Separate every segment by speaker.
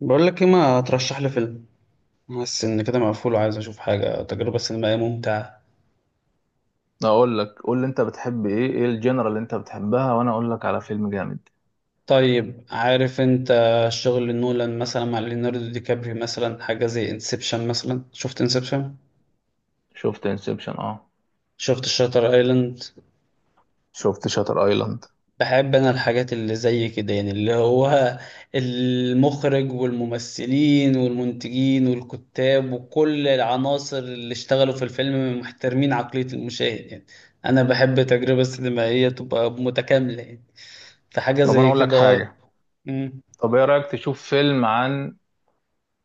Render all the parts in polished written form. Speaker 1: بقول لك ايه ما ترشح لي فيلم. بس ان كده مقفول وعايز اشوف حاجه تجربه سينمائيه ممتعه.
Speaker 2: اقول لك، قول لي انت بتحب ايه الجنرال اللي انت بتحبها وانا اقول لك على فيلم جامد.
Speaker 1: طيب عارف انت، شغل نولان مثلا مع ليوناردو دي كابريو مثلا حاجه زي انسبشن مثلا. شفت انسبشن؟
Speaker 2: شفت انسبشن، اه
Speaker 1: شفت شاتر ايلاند؟
Speaker 2: شفت شاتر ايلاند.
Speaker 1: بحب انا الحاجات اللي زي كده يعني اللي هو المخرج والممثلين والمنتجين والكتاب وكل العناصر اللي اشتغلوا في الفيلم محترمين عقليه المشاهد يعني. انا بحب تجربه سينمائيه تبقى متكامله يعني، في حاجة
Speaker 2: طب انا
Speaker 1: زي
Speaker 2: اقول لك
Speaker 1: كده؟
Speaker 2: حاجه.
Speaker 1: مم.
Speaker 2: طب ايه رايك تشوف فيلم عن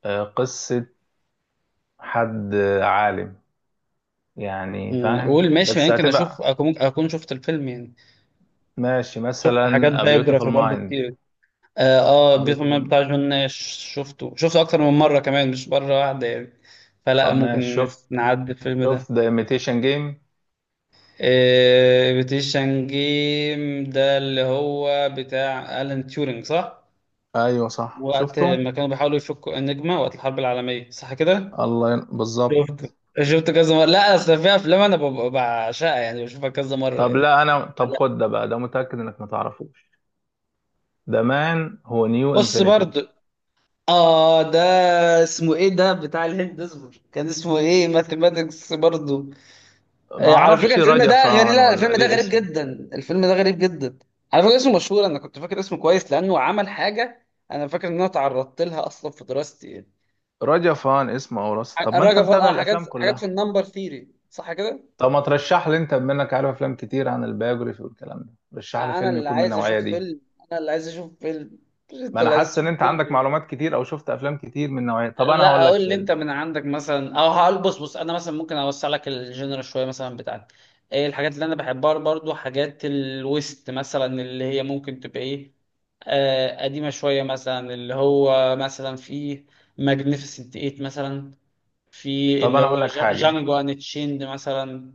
Speaker 2: قصة حد، عالم يعني، فاهم؟
Speaker 1: قول ماشي ما
Speaker 2: بس
Speaker 1: يمكن أشوف
Speaker 2: هتبقى
Speaker 1: أكون شفت الفيلم يعني.
Speaker 2: ماشي،
Speaker 1: شفت
Speaker 2: مثلا
Speaker 1: حاجات
Speaker 2: A Beautiful
Speaker 1: بايوجرافي برضه
Speaker 2: Mind،
Speaker 1: كتير. آه
Speaker 2: A
Speaker 1: بيتمان
Speaker 2: Beautiful.
Speaker 1: بتاع جون ناش. شفته أكتر من مرة كمان مش مرة واحدة يعني. فلا
Speaker 2: طب ماشي،
Speaker 1: ممكن
Speaker 2: شفت
Speaker 1: نعدي الفيلم ده.
Speaker 2: شفت The Imitation Game.
Speaker 1: آه بيتيشن جيم ده اللي هو بتاع ألان تيورينج، صح؟
Speaker 2: ايوه صح،
Speaker 1: وقت
Speaker 2: شفته.
Speaker 1: ما كانوا بيحاولوا يفكوا النجمة وقت الحرب العالمية، صح كده؟
Speaker 2: بالظبط.
Speaker 1: شفت. شفت كذا مرة. لا أصل في أفلام أنا ببقى بعشقها يعني بشوفها كذا مرة
Speaker 2: طب
Speaker 1: يعني.
Speaker 2: لا انا، طب خد ده بقى، ده متأكد انك ما تعرفوش. ده مان هو نيو
Speaker 1: بص
Speaker 2: انفينيتي.
Speaker 1: برضه. اه ده، اسمه ايه ده بتاع الهند؟ اصبر، كان اسمه ايه؟ ماثيماتكس برضه.
Speaker 2: ما
Speaker 1: آه، على فكره
Speaker 2: اعرفش
Speaker 1: الفيلم ده غريب.
Speaker 2: رجفان
Speaker 1: لا
Speaker 2: ولا
Speaker 1: الفيلم ده
Speaker 2: ليه
Speaker 1: غريب
Speaker 2: اسمه.
Speaker 1: جدا، الفيلم ده غريب جدا. على فكره اسمه مشهور، انا كنت فاكر اسمه كويس لانه عمل حاجه انا فاكر ان انا تعرضت لها اصلا في دراستي يعني.
Speaker 2: رجفان اسمه او رص؟ طب ما انت
Speaker 1: الراجل
Speaker 2: متابع
Speaker 1: حاجات
Speaker 2: الافلام
Speaker 1: حاجات في
Speaker 2: كلها.
Speaker 1: النمبر ثيري، صح كده؟
Speaker 2: طب ما ترشح لي انت، بما انك عارف افلام كتير عن البايوجرافي والكلام ده، رشح لي
Speaker 1: انا
Speaker 2: فيلم
Speaker 1: اللي
Speaker 2: يكون من
Speaker 1: عايز
Speaker 2: النوعيه
Speaker 1: اشوف
Speaker 2: دي.
Speaker 1: فيلم. انا اللي عايز اشوف فيلم. مش انت
Speaker 2: ما انا
Speaker 1: اللي عايز
Speaker 2: حاسس ان
Speaker 1: تشوف
Speaker 2: انت
Speaker 1: فيلم،
Speaker 2: عندك
Speaker 1: إيه؟
Speaker 2: معلومات كتير او شفت افلام كتير من نوعيه. طب انا
Speaker 1: لا
Speaker 2: هقول لك
Speaker 1: اقول لي انت
Speaker 2: فيلم.
Speaker 1: من عندك مثلا. او هقول، بص انا مثلا ممكن اوسع لك الجنرال شويه مثلا بتاعتي. ايه الحاجات اللي انا بحبها برضو؟ حاجات الويست مثلا اللي هي ممكن تبقى ايه، آه قديمه شويه مثلا، اللي هو مثلا في ماجنيفيسنت 8 مثلا. في
Speaker 2: طب
Speaker 1: اللي
Speaker 2: انا هقول
Speaker 1: هو
Speaker 2: لك حاجه.
Speaker 1: جانجو ان تشيند مثلا.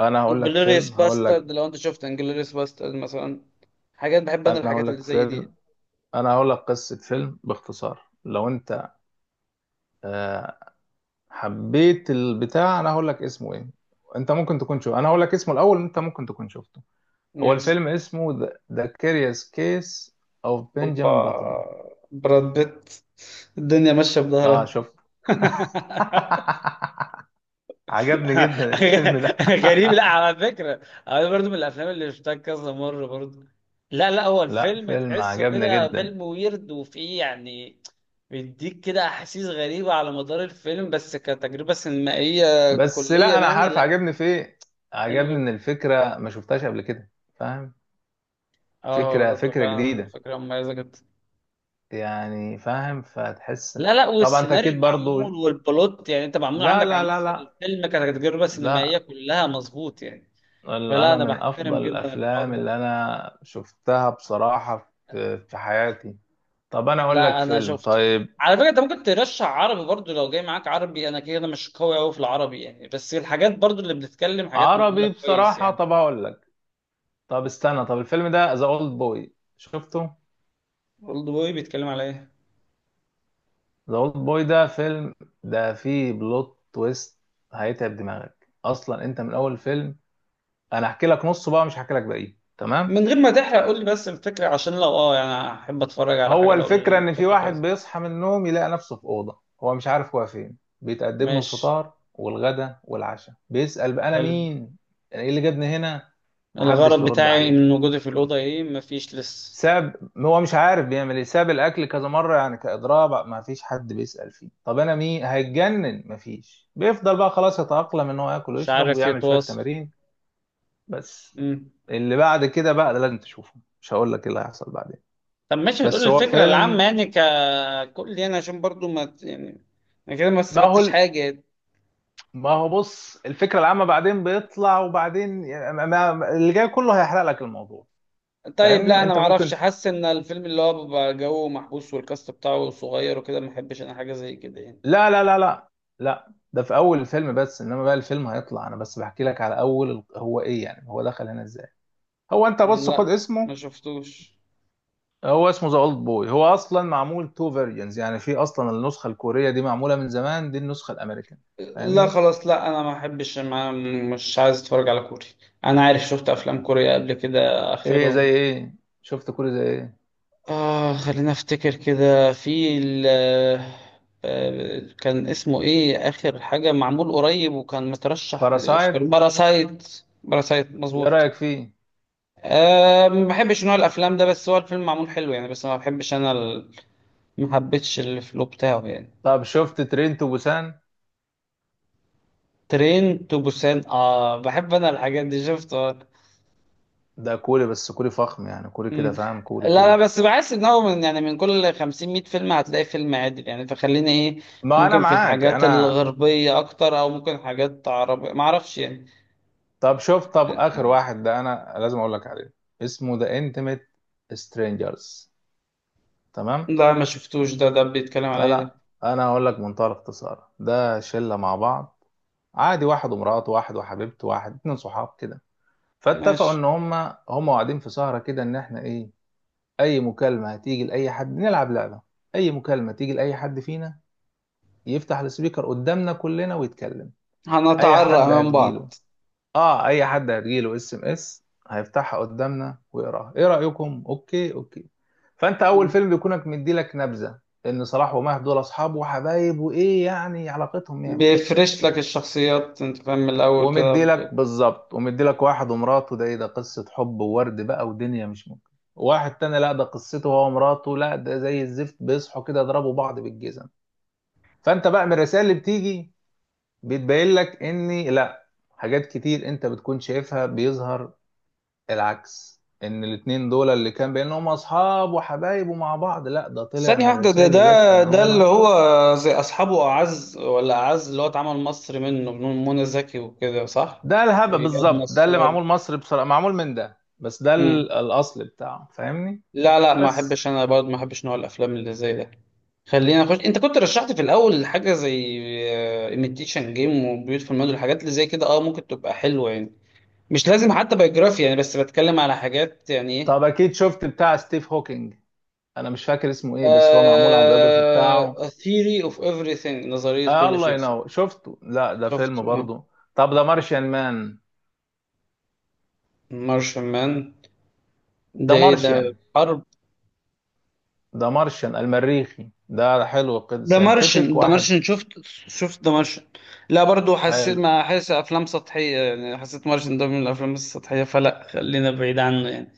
Speaker 2: انا هقول لك
Speaker 1: انجلوريوس
Speaker 2: فيلم، هقول
Speaker 1: باسترد،
Speaker 2: لك.
Speaker 1: لو انت شفت انجلوريوس باسترد مثلا. حاجات بحب انا،
Speaker 2: انا هقول
Speaker 1: الحاجات اللي
Speaker 2: لك
Speaker 1: زي دي.
Speaker 2: فيلم. انا هقول لك قصه فيلم باختصار، لو انت آه، حبيت البتاع. انا هقول لك اسمه ايه. انت ممكن تكون شو، انا هقول لك اسمه الاول، انت ممكن تكون شفته. هو
Speaker 1: ماشي.
Speaker 2: الفيلم اسمه The Curious Case of
Speaker 1: اوبا.
Speaker 2: Benjamin Button.
Speaker 1: براد بيت. الدنيا ماشيه
Speaker 2: اه
Speaker 1: بظهرها.
Speaker 2: شفت. عجبني جدا الفيلم ده.
Speaker 1: غريب، لا على فكرة. أنا برضو من الأفلام اللي شفتها كذا مرة برضو. لا لا، هو
Speaker 2: لا
Speaker 1: الفيلم
Speaker 2: فيلم
Speaker 1: تحسه
Speaker 2: عجبني
Speaker 1: كده
Speaker 2: جدا.
Speaker 1: فيلم ويرد وفيه يعني بيديك كده أحاسيس غريبة على مدار الفيلم، بس كتجربة سينمائية
Speaker 2: بس
Speaker 1: كلية
Speaker 2: لا، انا
Speaker 1: يعني
Speaker 2: عارف
Speaker 1: لا.
Speaker 2: عجبني في ايه.
Speaker 1: حلو
Speaker 2: عجبني ان
Speaker 1: جدا.
Speaker 2: الفكره ما شفتهاش قبل كده، فاهم؟
Speaker 1: اه، هو
Speaker 2: فكره
Speaker 1: بالظبط، هو
Speaker 2: فكره
Speaker 1: فعلا
Speaker 2: جديده
Speaker 1: فكرة مميزة جدا.
Speaker 2: يعني، فاهم؟ فتحس.
Speaker 1: لا لا،
Speaker 2: طبعا، انت
Speaker 1: والسيناريو
Speaker 2: اكيد برضو.
Speaker 1: معمول والبلوت يعني، انت معمول
Speaker 2: لا
Speaker 1: عندك
Speaker 2: لا لا
Speaker 1: عناصر
Speaker 2: لا.
Speaker 1: الفيلم كتجربة سينمائية
Speaker 2: لا،
Speaker 1: كلها مظبوط يعني. فلا
Speaker 2: انا
Speaker 1: انا
Speaker 2: من
Speaker 1: بحترم
Speaker 2: افضل
Speaker 1: جدا الحوار
Speaker 2: الافلام
Speaker 1: ده.
Speaker 2: اللي انا شفتها بصراحة في حياتي. طب انا اقول لك
Speaker 1: لا انا
Speaker 2: فيلم
Speaker 1: شفته.
Speaker 2: طيب.
Speaker 1: على فكره انت ممكن ترشح عربي برضو، لو جاي معاك عربي. انا كده مش قوي قوي في العربي يعني، بس الحاجات برضو اللي بنتكلم حاجات معموله
Speaker 2: عربي
Speaker 1: كويس
Speaker 2: بصراحة؟
Speaker 1: يعني.
Speaker 2: طب هقول لك. طب استنى، طب الفيلم ده ذا اولد بوي، شفته؟
Speaker 1: اولد بوي بيتكلم على ايه؟
Speaker 2: ذا اولد بوي ده فيلم، ده فيه بلوت تويست هيتعب دماغك اصلا انت من اول فيلم. انا هحكي لك نصه بقى، مش هحكي لك باقيه، تمام؟
Speaker 1: من غير ما تحرق قول لي بس الفكره، عشان لو اه يعني احب اتفرج على
Speaker 2: هو
Speaker 1: حاجه لو
Speaker 2: الفكرة إن في
Speaker 1: الفكره
Speaker 2: واحد
Speaker 1: كويسه.
Speaker 2: بيصحى من النوم، يلاقي نفسه في أوضة هو مش عارف هو فين. بيتقدم له
Speaker 1: ماشي.
Speaker 2: الفطار والغدا والعشاء، بيسأل بقى أنا
Speaker 1: حلو.
Speaker 2: مين؟ إيه اللي جابني هنا؟ محدش
Speaker 1: الغرض
Speaker 2: بيرد
Speaker 1: بتاعي
Speaker 2: عليه.
Speaker 1: من وجودي في الاوضه ايه؟ مفيش لسه.
Speaker 2: ساب، هو مش عارف بيعمل إيه، ساب الأكل كذا مرة يعني كإضراب، مفيش حد بيسأل فيه. طب أنا مين؟ هيتجنن، مفيش. بيفضل بقى خلاص يتأقلم إن هو ياكل
Speaker 1: مش
Speaker 2: ويشرب
Speaker 1: عارف
Speaker 2: ويعمل شوية
Speaker 1: يتواصل.
Speaker 2: تمارين. بس
Speaker 1: امم
Speaker 2: اللي بعد كده بقى ده لازم تشوفه، مش هقول لك إيه اللي هيحصل بعدين.
Speaker 1: طب ماشي، هتقول لي
Speaker 2: بس هو
Speaker 1: الفكره العامه
Speaker 2: فيلم.
Speaker 1: يعني ككل يعني عشان برضو ما ت- يعني انا كده ما
Speaker 2: ما هو
Speaker 1: استفدتش حاجه.
Speaker 2: ما هو بص، الفكرة العامة بعدين بيطلع، وبعدين يعني اللي جاي كله هيحرق لك الموضوع.
Speaker 1: طيب لا
Speaker 2: فاهمني؟
Speaker 1: انا
Speaker 2: انت
Speaker 1: ما
Speaker 2: ممكن.
Speaker 1: اعرفش، حاسس ان الفيلم اللي هو بيبقى جو محبوس والكاست بتاعه صغير وكده، ما احبش انا حاجه زي كده يعني.
Speaker 2: لا لا لا لا. لا، ده في اول الفيلم بس، انما بقى الفيلم هيطلع. انا بس بحكي لك على اول هو ايه يعني، هو دخل هنا ازاي. هو انت بص خد
Speaker 1: لا ما
Speaker 2: اسمه.
Speaker 1: شفتوش.
Speaker 2: هو اسمه ذا اولد بوي، هو اصلا معمول تو فيرجنز، يعني في اصلا النسخة الكورية دي معمولة من زمان، دي النسخة الامريكان.
Speaker 1: لا
Speaker 2: فاهمني؟
Speaker 1: خلاص، لا انا ما احبش ما. مش عايز اتفرج على كوري. انا عارف، شفت افلام كوريا قبل كده
Speaker 2: ايه زي
Speaker 1: اخرهم،
Speaker 2: ايه؟ شفت كوري زي ايه؟
Speaker 1: اه خلينا افتكر كده في ال، آه، كان اسمه ايه اخر حاجه معمول قريب وكان مترشح
Speaker 2: باراسايت؟
Speaker 1: للاوسكار، باراسايت. باراسايت،
Speaker 2: ايه
Speaker 1: مظبوط.
Speaker 2: رأيك فيه؟
Speaker 1: أه ما بحبش نوع الافلام ده، بس هو الفيلم معمول حلو يعني، بس ما بحبش انا ال، ما حبيتش الفلو بتاعه يعني.
Speaker 2: طب شفت ترين تو بوسان؟
Speaker 1: ترين تو بوسان، اه بحب انا الحاجات دي، شفته.
Speaker 2: ده كوري بس كوري فخم يعني، كوري
Speaker 1: مم.
Speaker 2: كده فاهم، كوري
Speaker 1: لا لا،
Speaker 2: كوري.
Speaker 1: بس بحس ان هو من يعني من كل 50 100 فيلم هتلاقي فيلم عادل يعني، فخلينا ايه،
Speaker 2: ما انا
Speaker 1: ممكن في
Speaker 2: معاك
Speaker 1: الحاجات
Speaker 2: انا.
Speaker 1: الغربية اكتر او ممكن حاجات عربية، ما اعرفش يعني.
Speaker 2: طب شوف، طب اخر واحد ده انا لازم اقول لك عليه. اسمه ذا انتيميت سترينجرز، تمام؟
Speaker 1: لا ما شفتوش ده، ده بيتكلم على ايه ده؟
Speaker 2: انا انا هقول لك منتهى الاختصار. ده شله مع بعض عادي، واحد ومراته، واحد وحبيبته، واحد اتنين صحاب كده. فاتفقوا
Speaker 1: ماشي.
Speaker 2: ان هم قاعدين في سهره كده ان احنا ايه، اي مكالمه هتيجي لاي حد نلعب لعبه، اي مكالمه تيجي لاي حد فينا يفتح السبيكر قدامنا كلنا ويتكلم. اي
Speaker 1: هنتعرق
Speaker 2: حد
Speaker 1: من
Speaker 2: هتجيله،
Speaker 1: بعض.
Speaker 2: اه اي حد هتجيله اس ام اس، هيفتحها قدامنا ويقراها، ايه رايكم؟ اوكي اوكي. فانت اول
Speaker 1: مم.
Speaker 2: فيلم بيكونك مديلك نبذه ان صلاح ومهدي دول اصحاب وحبايب، وايه يعني علاقتهم 100 100.
Speaker 1: بيفرش لك الشخصيات، انت فاهم، من الاول كده.
Speaker 2: ومديلك بالظبط، ومديلك واحد ومراته ده، ايه ده قصه حب وورد بقى ودنيا مش ممكن. واحد تاني لا، ده قصته هو ومراته لا ده زي الزفت، بيصحوا كده يضربوا بعض بالجزم. فانت بقى من الرسائل اللي بتيجي بتبين لك ان لا، حاجات كتير انت بتكون شايفها بيظهر العكس، ان الاتنين دول اللي كان بينهم اصحاب وحبايب ومع بعض، لا ده طلع
Speaker 1: ثانية
Speaker 2: من
Speaker 1: واحدة، ده
Speaker 2: الرسائل
Speaker 1: ده
Speaker 2: اللي جت ان
Speaker 1: ده اللي
Speaker 2: هم.
Speaker 1: هو زي أصحابه، أعز ولا أعز، اللي هو اتعمل مصري منه، من منى زكي وكده، صح؟
Speaker 2: ده الهبة
Speaker 1: وإياد
Speaker 2: بالظبط ده، اللي
Speaker 1: نصار.
Speaker 2: معمول مصر بصراحة معمول من ده، بس ده
Speaker 1: مم.
Speaker 2: الاصل بتاعه. فاهمني؟
Speaker 1: لا لا، ما
Speaker 2: بس.
Speaker 1: أحبش أنا برضه، ما أحبش نوع الأفلام اللي زي ده. خلينا نخش، أنت كنت رشحت في الأول حاجة زي إيميتيشن جيم وبيوتفل مود، الحاجات اللي زي كده أه ممكن تبقى حلوة يعني. مش لازم حتى بايوجرافي يعني، بس بتكلم على حاجات يعني إيه.
Speaker 2: طب اكيد شفت بتاع ستيف هوكينج؟ انا مش فاكر اسمه ايه، بس هو معمول على البيوجرافي
Speaker 1: آه،
Speaker 2: بتاعه.
Speaker 1: A theory of everything، نظرية
Speaker 2: آه
Speaker 1: كل
Speaker 2: الله
Speaker 1: شيء.
Speaker 2: ينور، شفته؟ لا ده
Speaker 1: شفت
Speaker 2: فيلم
Speaker 1: اه.
Speaker 2: برضه. طب ده مارشيان مان،
Speaker 1: مارشمان، ده
Speaker 2: ده
Speaker 1: ايه ده،
Speaker 2: مارشيان،
Speaker 1: حرب؟
Speaker 2: ده مارشيان المريخي ده حلو كده،
Speaker 1: ده مارشن،
Speaker 2: ساينتفك
Speaker 1: ده
Speaker 2: واحد
Speaker 1: مارشن شفت. شفت ده مارشن. لا برضو حسيت،
Speaker 2: حلو.
Speaker 1: ما حاسس افلام سطحيه يعني، حسيت مارشن ده من الافلام السطحيه، فلا خلينا بعيد عنه يعني.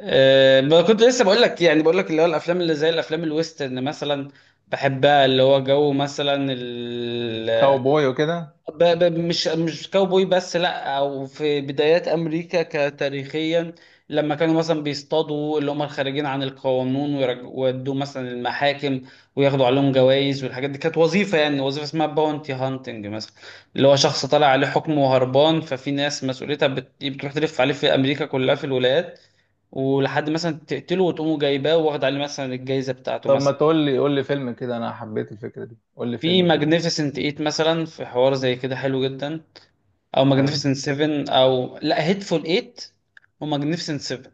Speaker 1: أه ما كنت لسه بقول لك يعني، بقول لك اللي هو الافلام اللي زي الافلام الويسترن مثلا بحبها، اللي هو جو مثلا.
Speaker 2: كاوبوي وكده.
Speaker 1: مش كاوبوي بس، لا او في بدايات امريكا كتاريخيا، لما كانوا مثلا بيصطادوا اللي هم الخارجين عن القانون، ويودوا مثلا المحاكم وياخدوا عليهم جوائز، والحاجات دي كانت وظيفه يعني، وظيفه اسمها باونتي هانتنج مثلا. اللي هو شخص طالع عليه حكم وهربان، ففي ناس مسؤوليتها بتروح تلف عليه في امريكا كلها في الولايات ولحد مثلا تقتله وتقوموا جايباه، واخد عليه مثلا الجائزه بتاعته
Speaker 2: طب ما
Speaker 1: مثلا.
Speaker 2: تقول لي، قول لي فيلم كده، انا حبيت الفكرة دي، قول لي
Speaker 1: في
Speaker 2: فيلم كده
Speaker 1: ماجنيفيسنت ايت مثلا، في حوار زي كده حلو جدا. او
Speaker 2: حلو.
Speaker 1: ماجنيفيسنت 7، او لا هيتفول 8، وماجنيفيسنت 7،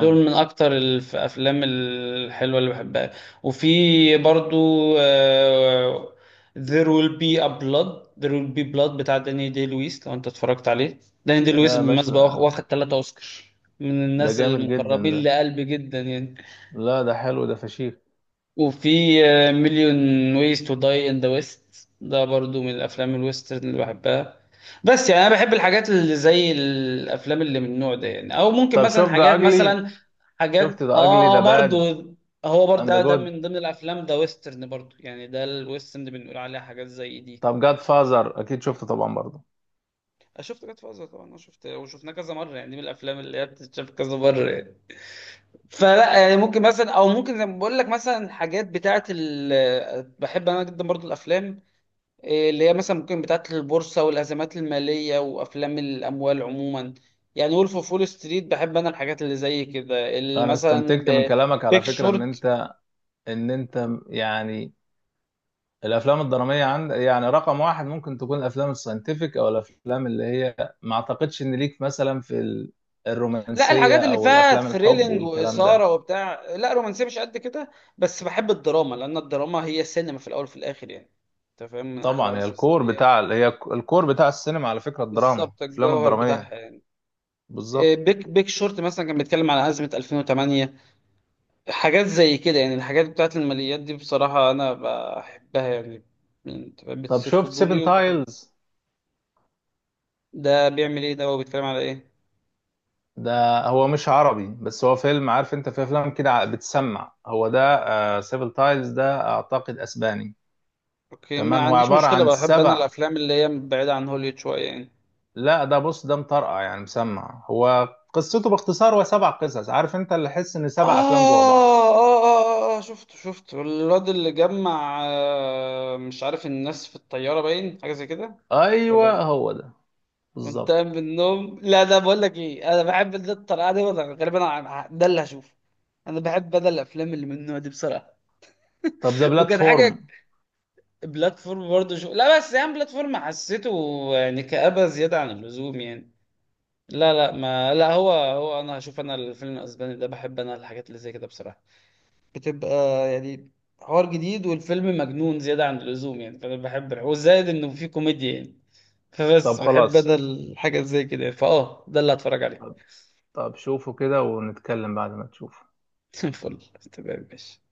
Speaker 1: دول من اكتر الافلام الحلوه اللي بحبها. وفي برضو آه، There will be blood بتاع داني دي لويس، لو انت اتفرجت عليه. داني دي لويس
Speaker 2: لا يا باشا
Speaker 1: بالمناسبه
Speaker 2: ده،
Speaker 1: واخد ثلاثة اوسكار، من
Speaker 2: ده
Speaker 1: الناس
Speaker 2: جامد جدا ده.
Speaker 1: المقربين لقلبي جدا يعني.
Speaker 2: لا ده حلو، ده فشيخ.
Speaker 1: وفي مليون ويز تو داي ان ذا ويست، ده برضو من الافلام الويسترن اللي بحبها. بس يعني انا بحب الحاجات اللي زي الافلام اللي من النوع ده يعني، او ممكن
Speaker 2: طب
Speaker 1: مثلا
Speaker 2: شوف ده
Speaker 1: حاجات
Speaker 2: اجلي.
Speaker 1: مثلا، حاجات
Speaker 2: شفت ده اجلي ده باد
Speaker 1: برضو. هو برضه
Speaker 2: اند
Speaker 1: ده من
Speaker 2: جود؟
Speaker 1: ضمن الافلام ده، ويسترن برضو يعني، ده الويسترن اللي بنقول عليها حاجات زي دي.
Speaker 2: طب جاد فازر اكيد شفته طبعا برضه.
Speaker 1: أنا شفت جاد فازر طبعا، انا شفت وشفناه كذا مره يعني، دي من الافلام اللي هي بتتشاف كذا مره يعني. فلا يعني ممكن مثلا، او ممكن زي ما بقول لك مثلا، حاجات بتاعه ال، بحب انا جدا برضو الافلام إيه، اللي هي مثلا ممكن بتاعه البورصه والازمات الماليه وافلام الاموال عموما يعني. وولف اوف وول ستريت، بحب انا الحاجات اللي زي كده اللي
Speaker 2: انا
Speaker 1: مثلا
Speaker 2: استنتجت من كلامك على
Speaker 1: بيك
Speaker 2: فكرة ان
Speaker 1: شورت.
Speaker 2: انت، ان انت يعني الافلام الدرامية عند يعني رقم واحد. ممكن تكون الافلام الساينتفك، او الافلام اللي هي، ما اعتقدش ان ليك مثلا في
Speaker 1: لا
Speaker 2: الرومانسية،
Speaker 1: الحاجات اللي
Speaker 2: او
Speaker 1: فيها
Speaker 2: الافلام الحب
Speaker 1: ثريلينج
Speaker 2: والكلام
Speaker 1: واثاره
Speaker 2: ده.
Speaker 1: وبتاع، لا رومانسيه مش قد كده. بس بحب الدراما لان الدراما هي السينما في الاول وفي الاخر يعني، انت فاهم، من احد
Speaker 2: طبعا هي
Speaker 1: العناصر
Speaker 2: الكور بتاع،
Speaker 1: السينمائيه.
Speaker 2: هي الكور بتاع السينما على فكرة الدراما،
Speaker 1: بالظبط،
Speaker 2: الافلام
Speaker 1: الجوهر بتاعها
Speaker 2: الدرامية.
Speaker 1: يعني. إيه،
Speaker 2: بالظبط.
Speaker 1: بيك شورت مثلا كان بيتكلم على أزمة 2008. حاجات زي كده يعني، الحاجات بتاعت الماليات دي بصراحة أنا بحبها يعني. أنت فاهم؟
Speaker 2: طب
Speaker 1: بتثير
Speaker 2: شفت
Speaker 1: فضولي
Speaker 2: سيفن
Speaker 1: وبحب.
Speaker 2: تايلز؟
Speaker 1: ده بيعمل إيه ده، وبيتكلم على إيه؟
Speaker 2: ده هو مش عربي، بس هو فيلم، عارف انت في افلام كده، بتسمع هو ده. آه سيفن تايلز ده اعتقد اسباني.
Speaker 1: أوكي، ما
Speaker 2: تمام. هو
Speaker 1: عنديش
Speaker 2: عبارة
Speaker 1: مشكلة،
Speaker 2: عن
Speaker 1: بحب أنا
Speaker 2: سبع.
Speaker 1: الأفلام اللي هي بعيدة عن هوليوود شوية يعني.
Speaker 2: لا ده بص، ده مطرقع يعني، مسمع، هو قصته باختصار هو سبع قصص، عارف انت اللي حس ان
Speaker 1: آه
Speaker 2: سبع افلام جوه بعض.
Speaker 1: آه آه آه شفته الواد اللي جمع مش عارف الناس في الطيارة، باين حاجة زي كده، ولا
Speaker 2: ايوه هو ده
Speaker 1: وانت قايم
Speaker 2: بالظبط.
Speaker 1: من النوم؟ لا ده بقول لك ايه، انا بحب ده، الطريقة دي ولا غالبا ده اللي هشوفه. انا بحب ده، الافلام اللي من النوع دي بصراحة.
Speaker 2: طب ذا
Speaker 1: وكان حاجة.
Speaker 2: بلاتفورم.
Speaker 1: بلاتفورم برضه شو، لا بس يعني بلاتفورم حسيته يعني كآبة زيادة عن اللزوم يعني. لا لا ما لا، هو انا هشوف انا الفيلم الاسباني ده، بحب انا الحاجات اللي زي كده بصراحة، بتبقى يعني حوار جديد والفيلم مجنون زيادة عن اللزوم يعني، فأنا بحب وزائد إنه فيه كوميديا يعني،
Speaker 2: طب
Speaker 1: فبس بحب
Speaker 2: خلاص،
Speaker 1: أنا الحاجة زي كده يعني، فأه ده اللي هتفرج عليه.
Speaker 2: طب شوفه كده ونتكلم بعد ما تشوفه.
Speaker 1: فل تمام ماشي.